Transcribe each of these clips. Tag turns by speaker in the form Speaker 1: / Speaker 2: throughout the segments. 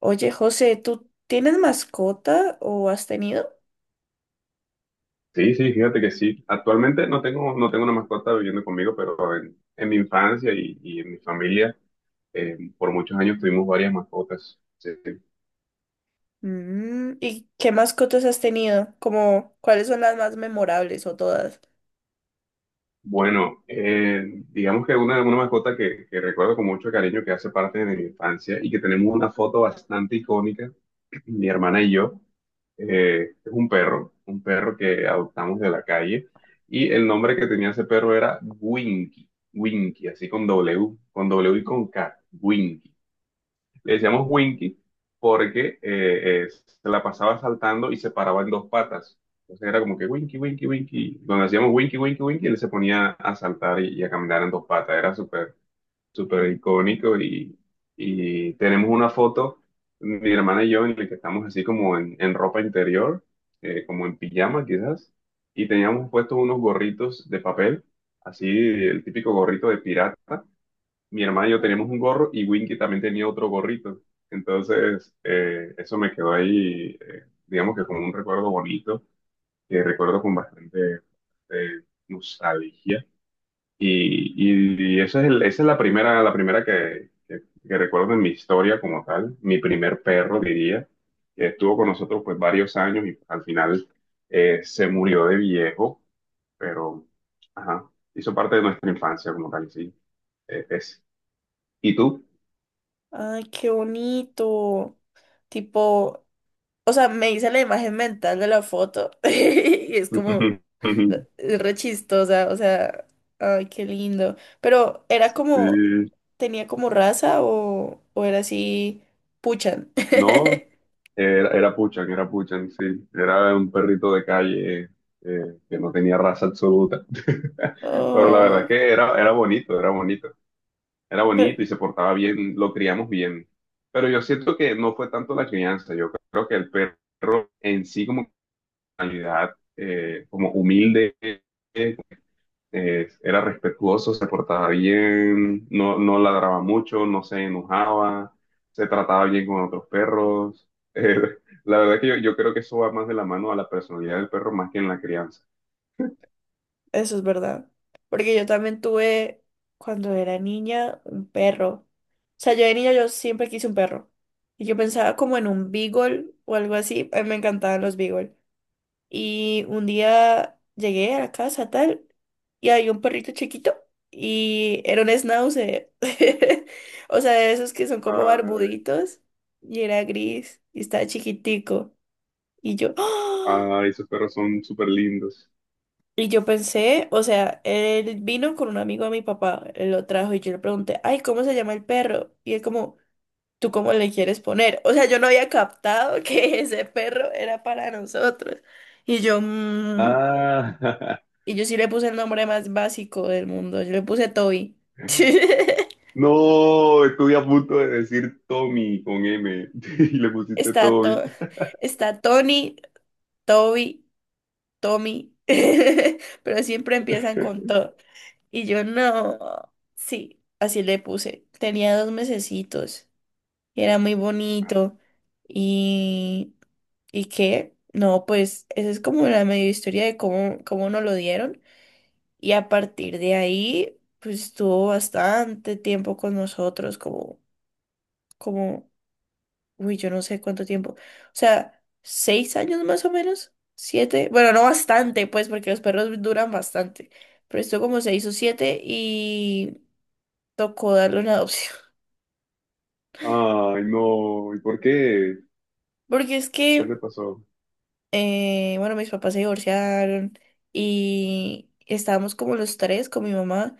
Speaker 1: Oye, José, ¿tú tienes mascota o has tenido?
Speaker 2: Sí, sí, fíjate que sí. Actualmente no tengo una mascota viviendo conmigo, pero en mi infancia y en mi familia, por muchos años tuvimos varias mascotas. Sí, sí.
Speaker 1: Mm, ¿y qué mascotas has tenido? Como, ¿cuáles son las más memorables o todas?
Speaker 2: Bueno, digamos que una mascota que recuerdo con mucho cariño, que hace parte de mi infancia y que tenemos una foto bastante icónica, mi hermana y yo, es un perro que adoptamos de la calle, y el nombre que tenía ese perro era Winky. Winky, así con W y con K, Winky. Le decíamos Winky porque se la pasaba saltando y se paraba en dos patas. Entonces era como que Winky, Winky, Winky. Cuando hacíamos Winky, Winky, Winky, él se ponía a saltar y a caminar en dos patas. Era súper, súper icónico, y tenemos una foto, mi hermana y yo, en la que estamos así como en ropa interior, como en pijama quizás, y teníamos puestos unos gorritos de papel, así el típico gorrito de pirata. Mi hermana y yo teníamos
Speaker 1: Ujú.
Speaker 2: un gorro y Winky también tenía otro gorrito. Entonces, eso me quedó ahí, digamos que como un recuerdo bonito, que recuerdo con bastante, eh, nostalgia. Y, y esa es la primera, la primera que recuerdo en mi historia como tal, mi primer perro, diría, que estuvo con nosotros pues varios años, y al final se murió de viejo, pero ajá, hizo parte de nuestra infancia como tal, sí. Es. ¿Y tú?
Speaker 1: Ay, qué bonito. Tipo, o sea, me hice la imagen mental de la foto y es como, es re chistosa, o sea, ay, qué lindo. Pero, ¿era como,
Speaker 2: Sí,
Speaker 1: tenía como raza o era así, puchan?
Speaker 2: no, era Puchan, era Puchan, sí. Era un perrito de calle, que no tenía raza absoluta. Pero la verdad es
Speaker 1: Oh,
Speaker 2: que era, era bonito, era bonito. Era
Speaker 1: pero-
Speaker 2: bonito y se portaba bien, lo criamos bien. Pero yo siento que no fue tanto la crianza, yo creo que el perro en sí como, como humilde, era respetuoso, se portaba bien, no, no ladraba mucho, no se enojaba, se trataba bien con otros perros. Eh, la verdad es que yo creo que eso va más de la mano a la personalidad del perro más que en la crianza.
Speaker 1: Eso es verdad. Porque yo también tuve, cuando era niña, un perro. O sea, yo de niña yo siempre quise un perro. Y yo pensaba como en un beagle o algo así. A mí me encantaban los beagle. Y un día llegué a la casa tal y había un perrito chiquito y era un schnauzer. O sea, de esos que son como
Speaker 2: Ay,
Speaker 1: barbuditos y era gris y estaba chiquitico. Y yo, ¡ah!
Speaker 2: ay, esos perros son súper lindos.
Speaker 1: Y yo pensé, o sea, él vino con un amigo de mi papá, él lo trajo y yo le pregunté, ay, ¿cómo se llama el perro? Y él como, ¿tú cómo le quieres poner? O sea, yo no había captado que ese perro era para nosotros. Y yo, "Mm".
Speaker 2: Ah,
Speaker 1: Y yo sí le puse el nombre más básico del mundo, yo le puse Toby.
Speaker 2: no, estuve a punto de decir Tommy con M y le pusiste
Speaker 1: Está,
Speaker 2: Toby.
Speaker 1: To- Está Tony, Toby, Tommy, pero siempre empiezan con To. Y yo no, sí, así le puse. Tenía 2 mesecitos y era muy bonito. Y, ¿y qué? No, pues esa es como la medio historia de cómo nos lo dieron. Y a partir de ahí, pues estuvo bastante tiempo con nosotros, como, uy, yo no sé cuánto tiempo. O sea, 6 años más o menos, 7. Bueno, no bastante, pues, porque los perros duran bastante. Pero estuvo como 6 o 7 y tocó darle una adopción.
Speaker 2: Ay, no, ¿y por qué?
Speaker 1: Porque es
Speaker 2: ¿Qué
Speaker 1: que
Speaker 2: te pasó?
Speaker 1: bueno, mis papás se divorciaron y estábamos como los tres con mi mamá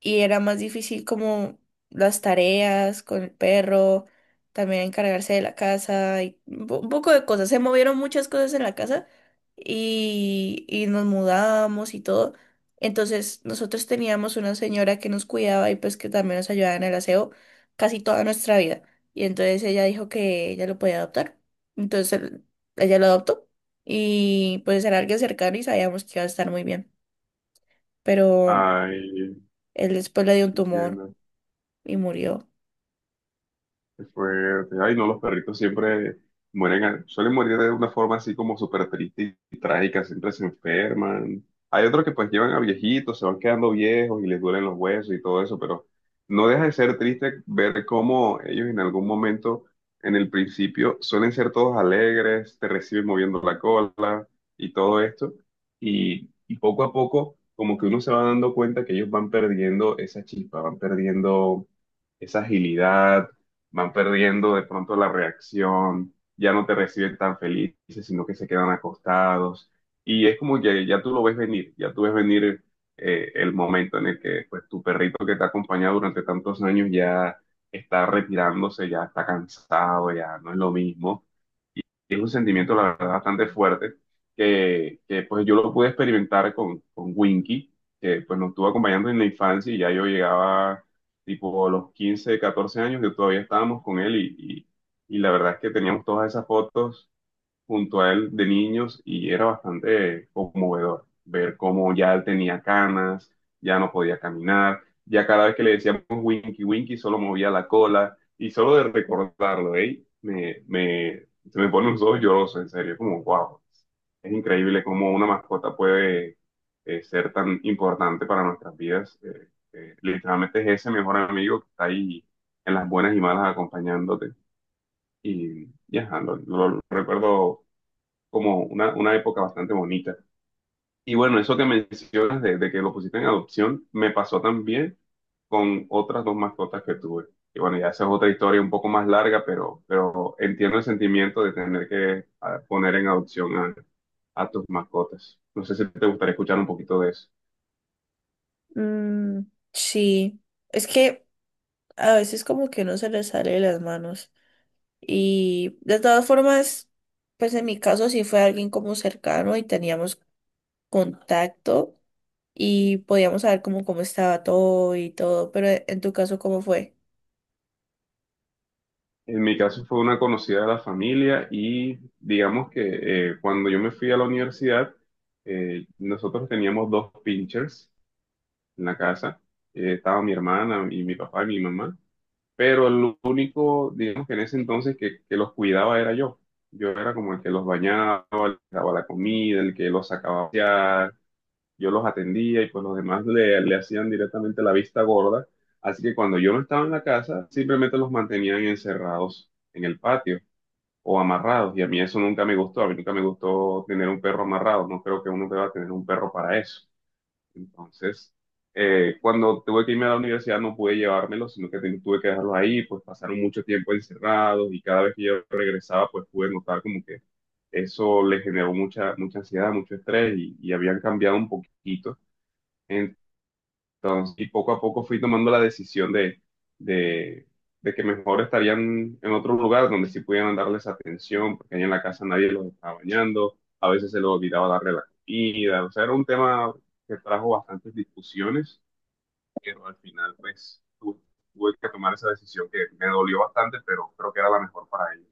Speaker 1: y era más difícil como las tareas con el perro, también encargarse de la casa y un poco de cosas. Se movieron muchas cosas en la casa y nos mudamos y todo. Entonces nosotros teníamos una señora que nos cuidaba y pues que también nos ayudaba en el aseo casi toda nuestra vida. Y entonces ella dijo que ella lo podía adoptar. Entonces ella lo adoptó y pues era alguien cercano y sabíamos que iba a estar muy bien, pero
Speaker 2: Ay,
Speaker 1: él después le dio un tumor
Speaker 2: entiendo.
Speaker 1: y murió.
Speaker 2: Qué fuerte. Ay, no, los perritos siempre mueren, suelen morir de una forma así como súper triste y trágica, siempre se enferman. Hay otros que pues llevan a viejitos, se van quedando viejos y les duelen los huesos y todo eso, pero no deja de ser triste ver cómo ellos en algún momento, en el principio, suelen ser todos alegres, te reciben moviendo la cola y todo esto. Y poco a poco, como que uno se va dando cuenta que ellos van perdiendo esa chispa, van perdiendo esa agilidad, van perdiendo de pronto la reacción, ya no te reciben tan felices, sino que se quedan acostados. Y es como que ya tú lo ves venir, ya tú ves venir, el momento en el que pues tu perrito que te ha acompañado durante tantos años ya está retirándose, ya está cansado, ya no es lo mismo. Es un sentimiento, la verdad, bastante fuerte, pues yo lo pude experimentar con, Winky, que pues nos estuvo acompañando en la infancia. Y ya yo llegaba tipo a los 15, 14 años, yo todavía estábamos con él, y la verdad es que teníamos todas esas fotos junto a él de niños, y era bastante conmovedor ver cómo ya él tenía canas, ya no podía caminar, ya cada vez que le decíamos Winky, Winky solo movía la cola. Y solo de recordarlo, ¿eh? Me, se me ponen los ojos llorosos, en serio, como wow, es increíble cómo una mascota puede, ser tan importante para nuestras vidas. Literalmente es ese mejor amigo que está ahí en las buenas y malas acompañándote. Y ya, lo recuerdo como una, época bastante bonita. Y bueno, eso que mencionas de que lo pusiste en adopción, me pasó también con otras dos mascotas que tuve. Y bueno, ya esa es otra historia un poco más larga, pero, entiendo el sentimiento de tener que poner en adopción a tus mascotas. No sé si te gustaría escuchar un poquito de eso.
Speaker 1: Mm, sí, es que a veces como que uno se le sale de las manos y de todas formas, pues en mi caso sí fue alguien como cercano y teníamos contacto y podíamos saber como cómo estaba todo y todo, pero en tu caso, ¿cómo fue?
Speaker 2: En mi caso fue una conocida de la familia, y digamos que cuando yo me fui a la universidad, nosotros teníamos dos pinchers en la casa. Estaba mi hermana y mi papá y mi mamá, pero el único, digamos que en ese entonces que los cuidaba era yo. Yo era como el que los bañaba, les daba la comida, el que los sacaba a pasear, yo los atendía, y pues los demás le hacían directamente la vista gorda. Así que cuando yo no estaba en la casa, simplemente los mantenían encerrados en el patio o amarrados. Y a mí eso nunca me gustó, a mí nunca me gustó tener un perro amarrado, no creo que uno deba tener un perro para eso. Entonces, cuando tuve que irme a la universidad no pude llevármelos, sino que tuve que dejarlos ahí, pues pasaron mucho tiempo encerrados, y cada vez que yo regresaba, pues pude notar como que eso le generó mucha, mucha ansiedad, mucho estrés, y habían cambiado un poquito. Entonces, y poco a poco fui tomando la decisión de, de, de que mejor estarían en otro lugar donde sí pudieran darles atención, porque ahí en la casa nadie los estaba bañando, a veces se les olvidaba darle la comida, o sea, era un tema que trajo bastantes discusiones. Pero al final, pues tuve que tomar esa decisión, que me dolió bastante, pero creo que era la mejor para ellos.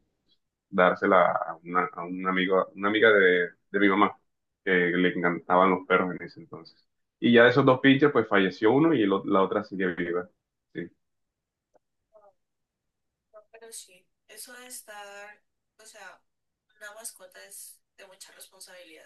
Speaker 2: Dársela a una, a un amigo, una amiga de, mi mamá, que le encantaban los perros en ese entonces. Y ya de esos dos pinches, pues falleció uno y el o- la otra sigue viva. Sí.
Speaker 1: No, pero sí, eso de estar, o sea, una mascota es de mucha responsabilidad.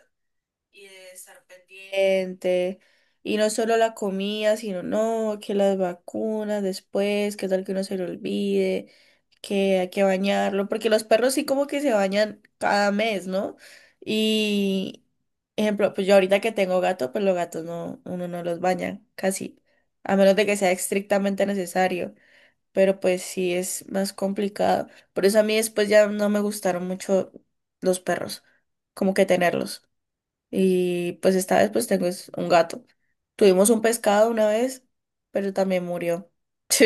Speaker 1: Y de estar pendiente. Y no solo la comida, sino no, que las vacunas después, que tal que uno se le olvide, que hay que bañarlo, porque los perros sí como que se bañan cada mes, ¿no? Y, ejemplo, pues yo ahorita que tengo gato, pues los gatos no, uno no los baña casi, a menos de que sea estrictamente necesario. Pero pues sí es más complicado. Por eso a mí después ya no me gustaron mucho los perros, como que tenerlos. Y pues esta vez pues tengo es un gato. Tuvimos un pescado una vez, pero también murió.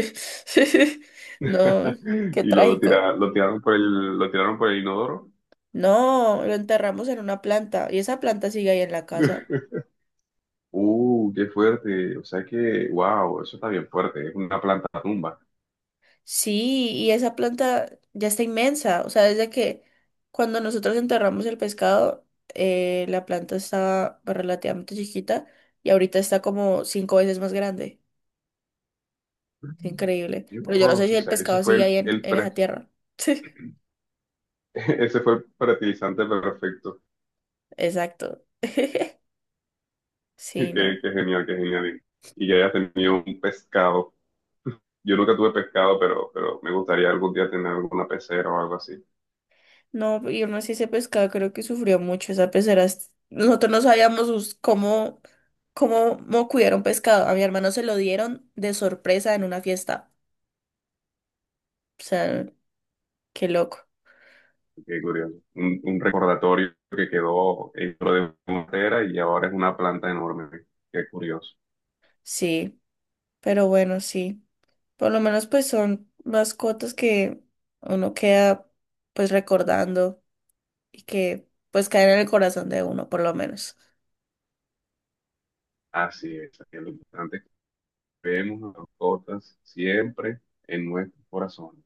Speaker 1: No, qué
Speaker 2: Y
Speaker 1: trágico.
Speaker 2: lo tiraron por el inodoro.
Speaker 1: No, lo enterramos en una planta y esa planta sigue ahí en la casa.
Speaker 2: Qué fuerte. O sea que, wow, eso está bien fuerte. Es una planta tumba.
Speaker 1: Sí, y esa planta ya está inmensa. O sea, desde que cuando nosotros enterramos el pescado, la planta estaba relativamente chiquita y ahorita está como 5 veces más grande. Es increíble.
Speaker 2: Dios,
Speaker 1: Pero yo no sé si
Speaker 2: o
Speaker 1: el
Speaker 2: sea que eso
Speaker 1: pescado
Speaker 2: fue
Speaker 1: sigue ahí en
Speaker 2: el
Speaker 1: en esa tierra.
Speaker 2: Ese fue el fertilizante perfecto.
Speaker 1: Exacto.
Speaker 2: Qué,
Speaker 1: Sí, no.
Speaker 2: qué genial, qué genial. Y que hayas tenido un pescado. Yo nunca tuve pescado, pero, me gustaría algún día tener alguna pecera o algo así.
Speaker 1: No, y aún así ese pescado creo que sufrió mucho esa pecera. Nosotros no sabíamos cómo, cuidar un pescado. A mi hermano se lo dieron de sorpresa en una fiesta. O sea, qué loco.
Speaker 2: Qué curioso. Un recordatorio que quedó dentro de una pecera, y ahora es una planta enorme. Qué curioso.
Speaker 1: Sí, pero bueno, sí. Por lo menos pues son mascotas que uno queda pues recordando y que pues caen en el corazón de uno, por lo menos.
Speaker 2: Así es, así es. Lo importante es que vemos a las mascotas siempre en nuestros corazones.